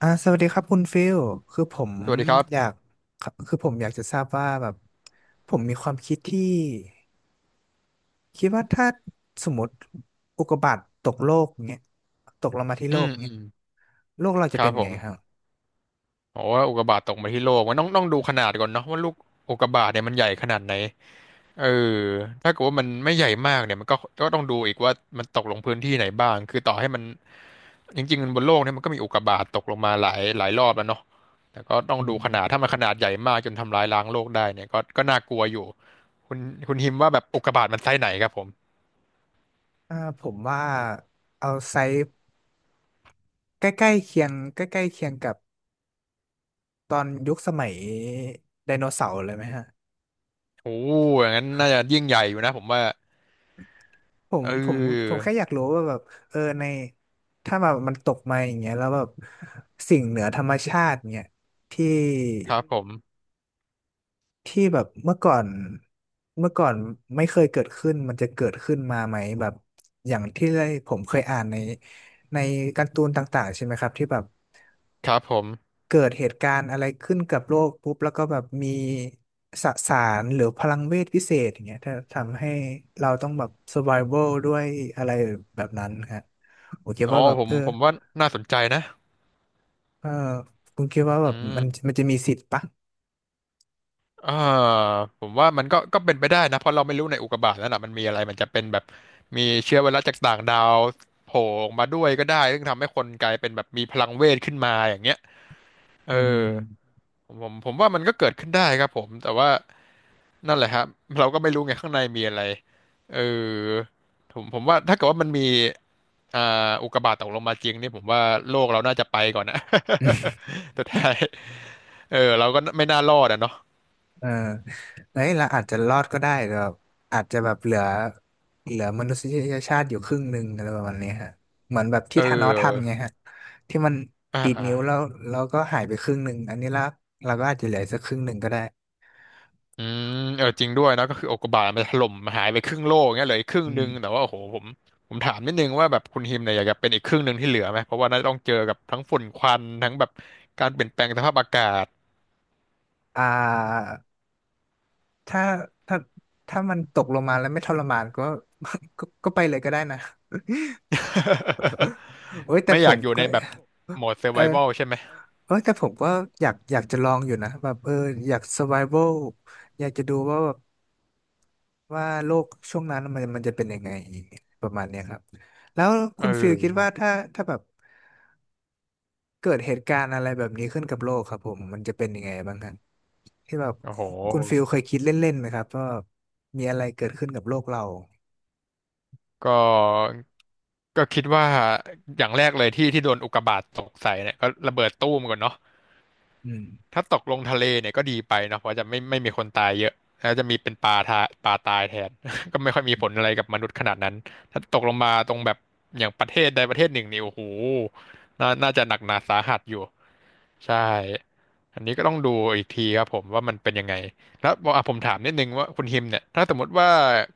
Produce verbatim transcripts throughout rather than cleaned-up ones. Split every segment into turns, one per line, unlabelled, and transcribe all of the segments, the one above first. อ่าสวัสดีครับคุณฟิลคือผม
สวัสดีครับ
อยากคือผมอยากจะทราบว่าแบบผมมีความคิดที่คิดว่าถ้าสมมติอุกกาบาตตกโลกเงี้ยตกลงมาที่
อื
โลก
มอื
เงี้ย
ม
โลกเรา
ค
จะ
รั
เป็
บ
น
ผ
ไงครับ
มบอกว่าอุกกาบาตตกมาที่โลกมันต้องต้องดูขนาดก่อนเนาะว่าลูกอุกกาบาตเนี่ยมันใหญ่ขนาดไหนเออถ้าเกิดว่ามันไม่ใหญ่มากเนี่ยมันก็ก็ต้องดูอีกว่ามันตกลงพื้นที่ไหนบ้างคือต่อให้มัน จริงๆบนโลกเนี่ยมันก็มีอุกกาบาตตกลงมาหลายหลายรอบแล้วเนาะแต่ก็ต้อง
อื
ดูขนา
ม
ดถ้ามันขนาดใหญ่มากจนทำลายล้างโลกได้เนี่ยก็ก็น่ากลัวอยู่คุณคุณฮิมว่าแบบอุกกาบาตมันไซส์ไหนครับผม
อ่าผมว่าเอาไซส์ใกล้ๆเคียงใกล้ๆเคียงกับตอนยุคสมัยไดโนเสาร์เลยไหมฮะ
โอ้อย่างนั้นน่าจะยิ่งใหญ่อยู่นะผมว่า
ผม
เ
ผมผม
ออ
แค่อยากรู้ว่าแบบเออในถ้าแบบมันตกมาอย่างเงี้ยแล้วแบบสิ่งเหนือธรรมชาติเนี่ยที่
ครับผม
ที่แบบเมื่อก่อนเมื่อก่อนไม่เคยเกิดขึ้นมันจะเกิดขึ้นมาไหมแบบอย่างที่ได้ผมเคยอ่านในในการ์ตูนต่างๆใช่ไหมครับที่แบบ
ครับผม
เกิดเหตุการณ์อะไรขึ้นกับโลกปุ๊บแล้วก็แบบมีสสารหรือพลังเวทพิเศษอย่างเงี้ยถ้าทำให้เราต้องแบบ survival ด้วยอะไรแบบนั้นฮะผมคิด
อ๋อ
ว่าแบบ
ผม
เออ
ผมว่าน่าสนใจนะ
เออคุณคิดว่าแบ
อื
บมัน
ม
มันจะมีสิทธิ์ปะ
อ่าผมว่ามันก็ก็เป็นไปได้นะเพราะเราไม่รู้ในอุกกาบาตนั่นน่ะมันมีอะไรมันจะเป็นแบบมีเชื้อไวรัสจากต่างดาวโผล่ออกมาด้วยก็ได้ซึ่งทำให้คนกลายเป็นแบบมีพลังเวทขึ้นมาอย่างเงี้ยเออ
อืม
ผมผมผมว่ามันก็เกิดขึ้นได้ครับผมแต่ว่านั่นแหละครับเราก็ไม่รู้ไงข้างในมีอะไรเออผมผมว่าถ้าเกิดว่ามันมี อ่าอุกกาบาตตกลงมาจริงนี่ผมว่าโลกเราน่าจะไปก่อนนะ สุดท้ายเออเราก็ไม่น่ารอดอะเนาะ
เออเฮ้ยเราอาจจะรอดก็ได้แต่แบบอาจจะแบบเหลือเหลือมนุษยชาติอยู่ครึ่งหนึ่งอะไรประมาณนี้ฮะเหมือนแบบ
เ
ที่ธานอสทำไง
ออ
ฮะที่มัน
อ่า
ดีด
อ่า
นิ้วแล้วแล้วก็หายไปครึ่งหนึ่งอันนี้ละเราก็อาจจะเหลือสักครึ่งหนึ่งก็ได้
อืมเออจริงด้วยนะก็คืออุกกาบาตมันถล่มหายไปครึ่งโลกเงี้ยเหลืออีกครึ่ง
อื
หนึ
ม
งแต่ว่าโอ้โหผมผมถามนิดนึงว่าแบบคุณฮิมเนี่ยอยากจะเป็นอีกครึ่งหนึ่งที่เหลือไหมเพราะว่าน่าจะต้องเจอกับทั้งฝุ่นควันทั้งแบบการเปลี่ยนแปลงสภาพอากาศ
อ่าถ้าถ้าถ้ามันตกลงมาแล้วไม่ทรมานก็ ก็ก็ไปเลยก็ได้นะ โอ้ยแต่
ไม่
ผ
อยาก
ม
อยู่
ก็
ในแบบโหมดเซอร์
เอ
ไววัล
อ
ใช่ไหม
เออแต่ผมก็อยากอยากจะลองอยู่นะแบบเอออยาก survival อยากจะดูว่าแบบ ว่าโลกช่วงนั้นมันมันจะเป็นยังไงประมาณเนี้ยครับแล้ว
เอ
คุณฟิลคิดว่า
อ
ถ้าถ้าแบบเกิดเหตุการณ์อะไรแบบนี้ขึ้นกับโลกครับผมมันจะเป็นยังไงบ้างครับที่แบบ
โอ้โห
คุณฟิลเคยคิดเล่นๆไหมครับว่ามีอะไรเกิดขึ้นกับโลกเรา
ก็ ก็คิดว่าอย่างแรกเลยที่ที่โดนอุกกาบาตตกใส่เนี่ยก็ระเบิดตู้มก่อนเนาะ
อืม
ถ้าตกลงทะเลเนี่ยก็ดีไปเนาะเพราะจะไม่ไม่มีคนตายเยอะแล้วจะมีเป็นปลาทาปลาตายแทน ก็ไม่ค่อยมีผลอะไรกับมนุษย์ขนาดนั้นถ้าตกลงมาตรงแบบอย่างประเทศใดประเทศหนึ่งนี่โอ้โหน่าน่าจะหนักหนาสาหัสอยู่ใช่อันนี้ก็ต้องดูอีกทีครับผมว่ามันเป็นยังไงแล้วบอกอ่ะผมถามนิดนึงว่าคุณฮิมเนี่ยถ้าสมมติว่า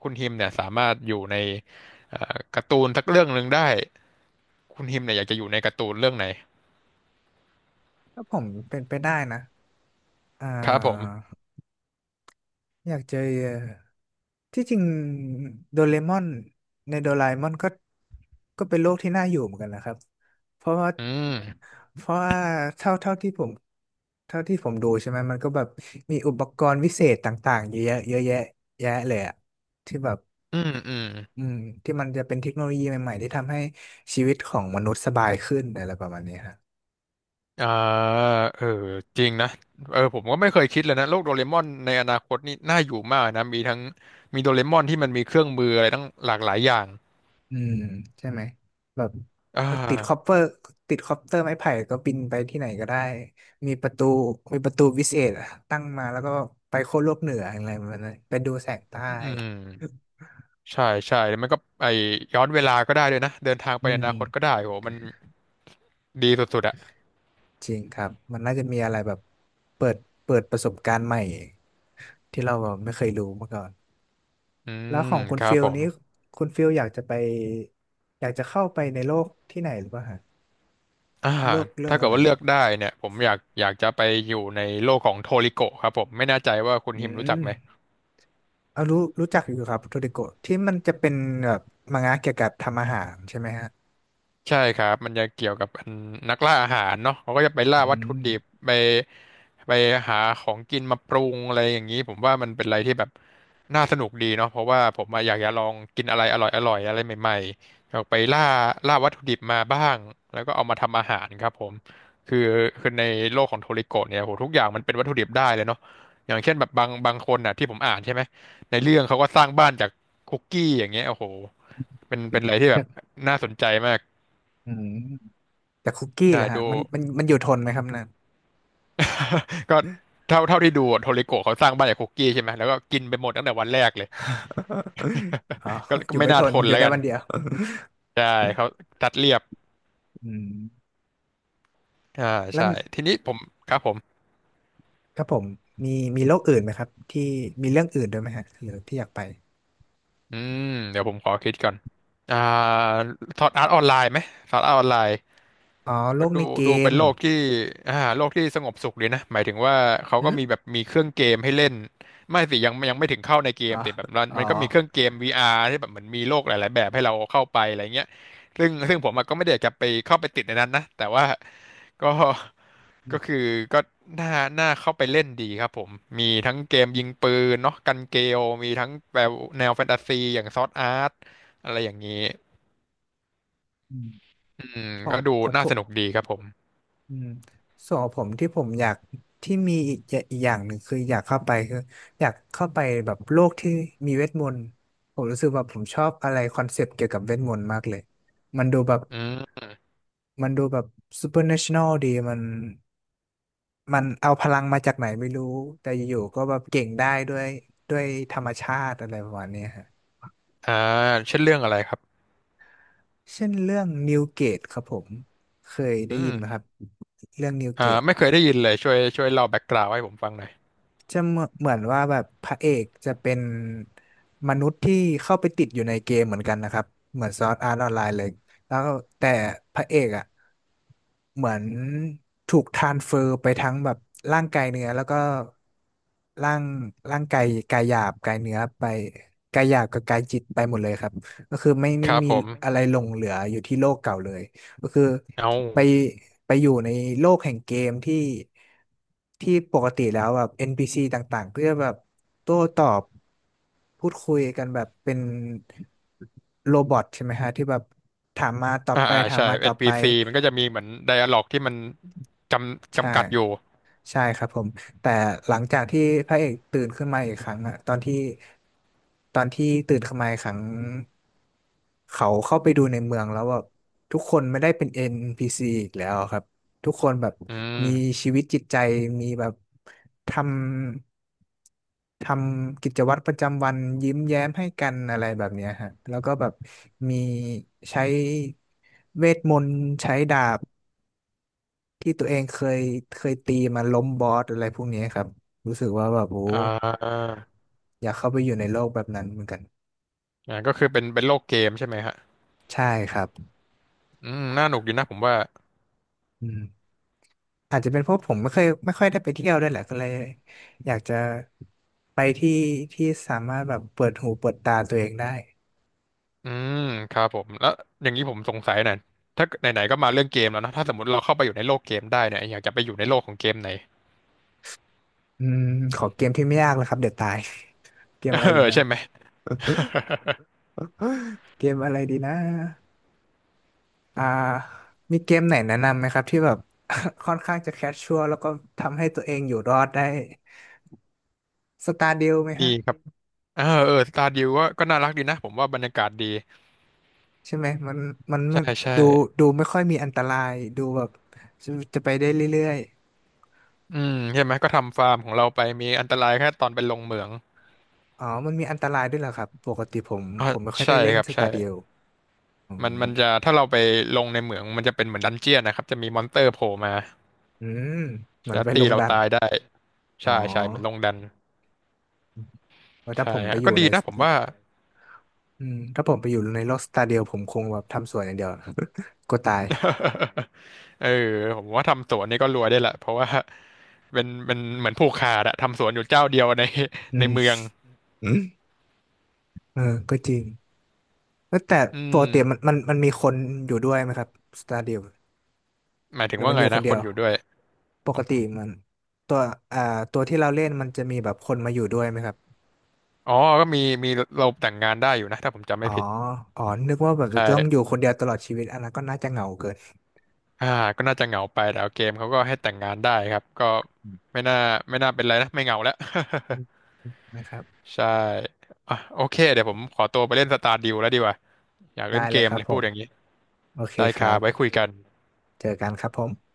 คุณฮิมเนี่ยสามารถอยู่ในเอ่อการ์ตูนสักเรื่องหนึ่งได้ คุณฮิมเนี่ยอยากจะอยู่ในการ์ตูนเรื่องไหน
ถ้าผมเป็นไปได้นะอ่
ครับผม
าอยากเจอ ที่จริงโดเรมอนในโดราเอมอนก็ก็เป็นโลกที่น่าอยู่เหมือนกันนะครับเพราะว่า
อืม
เพราะว่าเท่าเท่าที่ผมเท่าที่ผมดูใช่ไหมมันก็แบบมีอุปกรณ์วิเศษต่างๆเยอะแยะเยอะแยะแยะเลยอะที่แบบ
อืมอืม
อืมที่มันจะเป็นเทคโนโลยีใหม่ๆที่ทำให้ชีวิตของมนุษย์สบายขึ้นอะไรประมาณนี้ครับ
อ่าเออจริงนะเออผมก็ไม่เคยคิดเลยนะโลกโดเรมอนในอนาคตนี่น่าอยู่มากนะมีทั้งมีโดเรมอนที่มันมีเครื่องมืออะไรตั้งหลากหลายอย่าง
อืมใช่ไหมแบบ
อ่า
ติดคอปเปอร์ติดคอปเตอร์ไม้ไผ่ก็บินไปที่ไหนก็ได้มีประตูมีประตูวิเศษอะตั้งมาแล้วก็ไปโค้วโลกเหนืออะไรประมาณนั้นไปดูแสงใต้
อืมใช่ใช่แล้วมันก็ไอย้อนเวลาก็ได้ด้วยนะเดินทางไป
อื
ในอ
ม
นาคตก็ได้โหมันดีสุดๆอะ
จริงครับมันน่าจะมีอะไรแบบเปิดเปิดประสบการณ์ใหม่ที่เราแบบไม่เคยรู้มาก่อน
อื
แล้ว
ม
ของคุณ
ครั
ฟิ
บ
ล
ผม
นี้คุณฟิลอยากจะไปอยากจะเข้าไปในโลกที่ไหนหรือเปล่าฮะ
อ่า
โลกเรื่อง
ถ้าเกิ
อะ
ด
ไร
ว่าเลือกได้เนี่ยผมอยากอยากจะไปอยู่ในโลกของโทริโกะครับผมไม่แน่ใจว่าคุณ
อื
ฮิมรู้จั
ม
กไหม
เอารู้รู้จักอยู่ครับโทริโกะที่มันจะเป็นแบบมังงะเกี่ยวกับทำอาหารใช่ไหมฮะ
ใช่ครับมันจะเกี่ยวกับอันนักล่าอาหารเนาะเขาก็จะไปล่า
อื
วัตถุ
ม
ดิบไปไปหาของกินมาปรุงอะไรอย่างนี้ผมว่ามันเป็นอะไรที่แบบน่าสนุกดีเนาะเพราะว่าผมอะอยากจะลองกินอะไรอร่อยอร่อยอะไรใหม่ๆอยากไปล่าล่าวัตถุดิบมาบ้างแล้วก็เอามาทำอาหารครับผมคือคือในโลกของโทริโกะเนี่ยโหทุกอย่างมันเป็นวัตถุดิบได้เลยเนาะอย่างเช่นแบบบางบางคนน่ะที่ผมอ่านใช่ไหมในเรื่องเขาก็สร้างบ้านจากคุกกี้อย่างเงี้ยโอ้โหเป็นเป็นอะไรที่แบ
จา
บ
ก
น่าสนใจมาก
อืมจากคุกกี้
ใช่
แหล่ะฮะ
ดู
มันมันมันอยู่ทนไหมครับนั่น
ก็เท่าเท่าที่ดูอะโทริโกะเขาสร้างบ้านจากคุกกี้ใช่ไหมแล้วก็กินไปหมดตั้งแต่วันแรกเลย
อ๋อ
ก็
อ
ก็
ยู่
ไม่
ไม่
น่า
ท
ท
น
น
อยู่
แล้ว
ได้
กัน
วันเดียว
ใช่เขาตัดเรียบ
อืม
อ่า
แล้ว
ใช่ทีนี้ผมครับผม
ครับผมมีมีโรคอื่นไหมครับที่มีเรื่องอื่นด้วยไหมฮะหรือที่อยากไป
อืมเดี๋ยวผมขอคิดก่อนอ่าสอดอาร์ตออนไลน์ไหมสอดอาร์ตออนไลน์
อ๋อโร
ก็
ก
ดู
ในเก
ดูเป็
ม
นโลกที่อ่าโลกที่สงบสุขดีนะหมายถึงว่าเขา
หื
ก็
ม
มีแบบมีเครื่องเกมให้เล่นไม่สิยังยังไม่ถึงเข้าในเก
อ๋
ม
อ
แต่แบบมัน
อ๋อ
มันก็มีเครื่องเกม วี อาร์ ที่แบบเหมือนมีโลกหลายๆแบบให้เราเข้าไปอะไรเงี้ยซึ่งซึ่งผมอะก็ไม่ได้อยากจะไปเข้าไปติดในนั้นนะแต่ว่าก็ก็คือก็น่าน่าเข้าไปเล่นดีครับผมมีทั้งเกมยิงปืนเนาะกันเกลมีทั้งแบบแนวแฟนตาซีอย่างซอร์ดอาร์ตอะไรอย่างนี้อืม
ขอ
ก็
ง
ดู
ของ
น่า
ผ
ส
ม
นุกดีครับผม
อืมส่วนของผมที่ผมอยากที่มีอีกอย่าอีกอย่างหนึ่งคืออยากเข้าไปคืออยากเข้าไปแบบโลกที่มีเวทมนต์ผมรู้สึกว่าผมชอบอะไรคอนเซปต์เกี่ยวกับเวทมนต์มากเลยมันดูแบบ
อืม
มันดูแบบซูเปอร์เนชั่นแนลดีมันมันเอาพลังมาจากไหนไม่รู้แต่อยู่ๆก็แบบเก่งได้ด้วยด้วยธรรมชาติอะไรประมาณเนี้ยฮะ
อ่าเช่นเรื่องอะไรครับ
เช่นเรื่องนิวเกตครับผมเคยได้
อื
ยิน
ม
ไหมครับเรื่องนิวเก
อ่า
ต
ไม่เคยได้ยินเลยช่วยช่วยเล่าแบ็กกราวด์ให้ผมฟังหน่อย
จะเหมือนเหมือนว่าแบบพระเอกจะเป็นมนุษย์ที่เข้าไปติดอยู่ในเกมเหมือนกันนะครับเหมือนซอร์ดอาร์ตออนไลน์เลยแล้วแต่พระเอกอ่ะเหมือนถูกทรานสเฟอร์ไปทั้งแบบร่างกายเนื้อแล้วก็ร่างร่างกายกายหยาบกายเนื้อไปกายหยาบกับกายจิตไปหมดเลยครับก็คือไม่
ค
ไม่
รับ
มี
ผม
อะไรหลงเหลืออยู่ที่โลกเก่าเลยก็คือ
เอา
ไปไปอยู่ในโลกแห่งเกมที่ที่ปกติแล้วแบบ เอ็น พี ซี ต่างๆก็จะแบบโต้ตอบพูดคุยกันแบบเป็นโรบอทใช่ไหมฮะที่แบบถามมาตอบ
อ่า
ไป
อ่า
ถาม
ใช่
มาตอบไป
เอ็น พี ซี มันก็จะมีเหมือนไดอะล็อกที่มันจำจำ
ใช่
กัดอยู่
ใช่ครับผมแต่หลังจากที่พระเอกตื่นขึ้นมาอีกครั้งอะตอนที่ตอนที่ตื่นขึ้นมาอีกครั้งเขาเข้าไปดูในเมืองแล้วแบบทุกคนไม่ได้เป็น เอ็น พี ซี อนพีซีอีกแล้วครับทุกคนแบบ
อื
มี
ม
ชีวิตจิตใจมีแบบทำทำกิจวัตรประจำวันยิ้มแย้มให้กันอะไรแบบเนี้ยฮะแล้วก็แบบมีใช้เวทมนต์ใช้ดาบ ที่ตัวเองเคยเคยตีมาล้มบอสอะไรพวกนี้ครับรู้สึกว่าแบบโอ้
อ่า
อยากเข้าไปอยู่ในโลกแบบนั้นเหมือนกัน
อ่าก็คือเป็นเป็นโลกเกมใช่ไหมฮะ
ใช่ครับ
อืมน่าหนุกอยู่นะผมว่า
อืมอาจจะเป็นเพราะผมไม่เคยไม่ค่อยได้ไปเที่ยวด้วยแหละก็เลยอยากจะไปที่ที่สามารถแบบเปิดหูเปิดตาตัวเองได้
อืมครับผมแล้วอย่างนี้ผมสงสัยหน่อยถ้าไหนๆก็มาเรื่องเกมแล้วนะถ้าสมมติเราเข้าไปอยู่ในโลกเกมได้เนี่ยอยากจะไปอยู่ในโลกของเกมไหน
อืมขอเกมที่ไม่ยากเลยครับเดี๋ยวตาย เก ม
เอ
อะไรดี
อ
นะ
ใช่ไหม
เกมอะไรดีนะอ่ามีเกมไหนแนะนำไหมครับที่แบบ ค่อนข้างจะแคชชัวร์แล้วก็ทำให้ตัวเองอยู่รอดได้สตาร์ดิวไหม
ดี
ฮะ
ครับเออเออสตาร์ดิวก็ก็น่ารักดีนะผมว่าบรรยากาศดี
ใช่ไหมมันมันมั
ใช่
น
ใช่
ดูดูไม่ค่อยมีอันตรายดูแบบจะจะไปได้เรื่อย
อืมใช่ไหมก็ทำฟาร์มของเราไปมีอันตรายแค่ตอนไปลงเหมือง
ๆอ๋อมันมีอันตรายด้วยเหรอครับปกติผม
อ๋อ
ผมไม่ค่อย
ใช่
ได้เล่น
ครับ
สตา
ใช่
เดียวอื
มัน
ม
มันจะถ้าเราไปลงในเหมืองมันจะเป็นเหมือนดันเจี้ยนนะครับจะมีมอนสเตอร์โผล่มา
อืมมัน
แล้ว
ไปล
ตี
ง
เรา
ดัน
ตายได้
อ๋อ
ใช่ใช่เหมือนลงดัน
ว่าถ้า
ใช่
ผมไป
ฮะ
อยู่
ก็ดี
ใน
นะผมว่า
อืมถ้าผมไปอยู่ในโลกสตาเดียวผมคงแบบทำสวยอย่างเดียว กลัวตาย
เออผมว่าทำสวนนี่ก็รวยได้ละเพราะว่าเป็นเป็นเหมือนผูกขาดอะทำสวนอยู่เจ้าเดียวใน
อื
ใน
ม
เมือง
อืมเออก็จริงเอ้ยแต่
อื
ปกติมัน
ม
มันมันมีคนอยู่ด้วยไหมครับสตาเดียว
หมาย
ห
ถึง
รือ
ว่า
มันอ
ไง
ยู่ค
นะ
นเดี
ค
ย
น
ว
อยู่ด้วย
ปกติมันตัวอ่าตัวที่เราเล่นมันจะมีแบบคนมาอยู่ด้วยไหมครับ
อ๋อก็มีมีเราแต่งงานได้อยู่นะถ้าผมจำ
อ๋
ไม่
อ
ผิด
อ๋อนึกว่าแบบจะต้องอยู่คนเดียวตลอดชีวิตอันนั้นก็น่าจะเหงาเกิน
อ่าก็น่าจะเหงาไปแต่เอาเกมเขาก็ให้แต่งงานได้ครับก็ไม่น่าไม่น่าเป็นไรนะไม่เหงาแล้ว
นะครับ
ใช่อ่ะโอเคเดี๋ยวผมขอตัวไปเล่นสตาร์ดิวแล้วดีกว่าอยากเล่
ได้
นเก
เลย
ม
ครับ
เลย
ผ
พูด
ม
อย่างนี้
โอเค
ได้
ค
ค
รั
รับไว้
บ
คุยกัน
เจอกันครับผม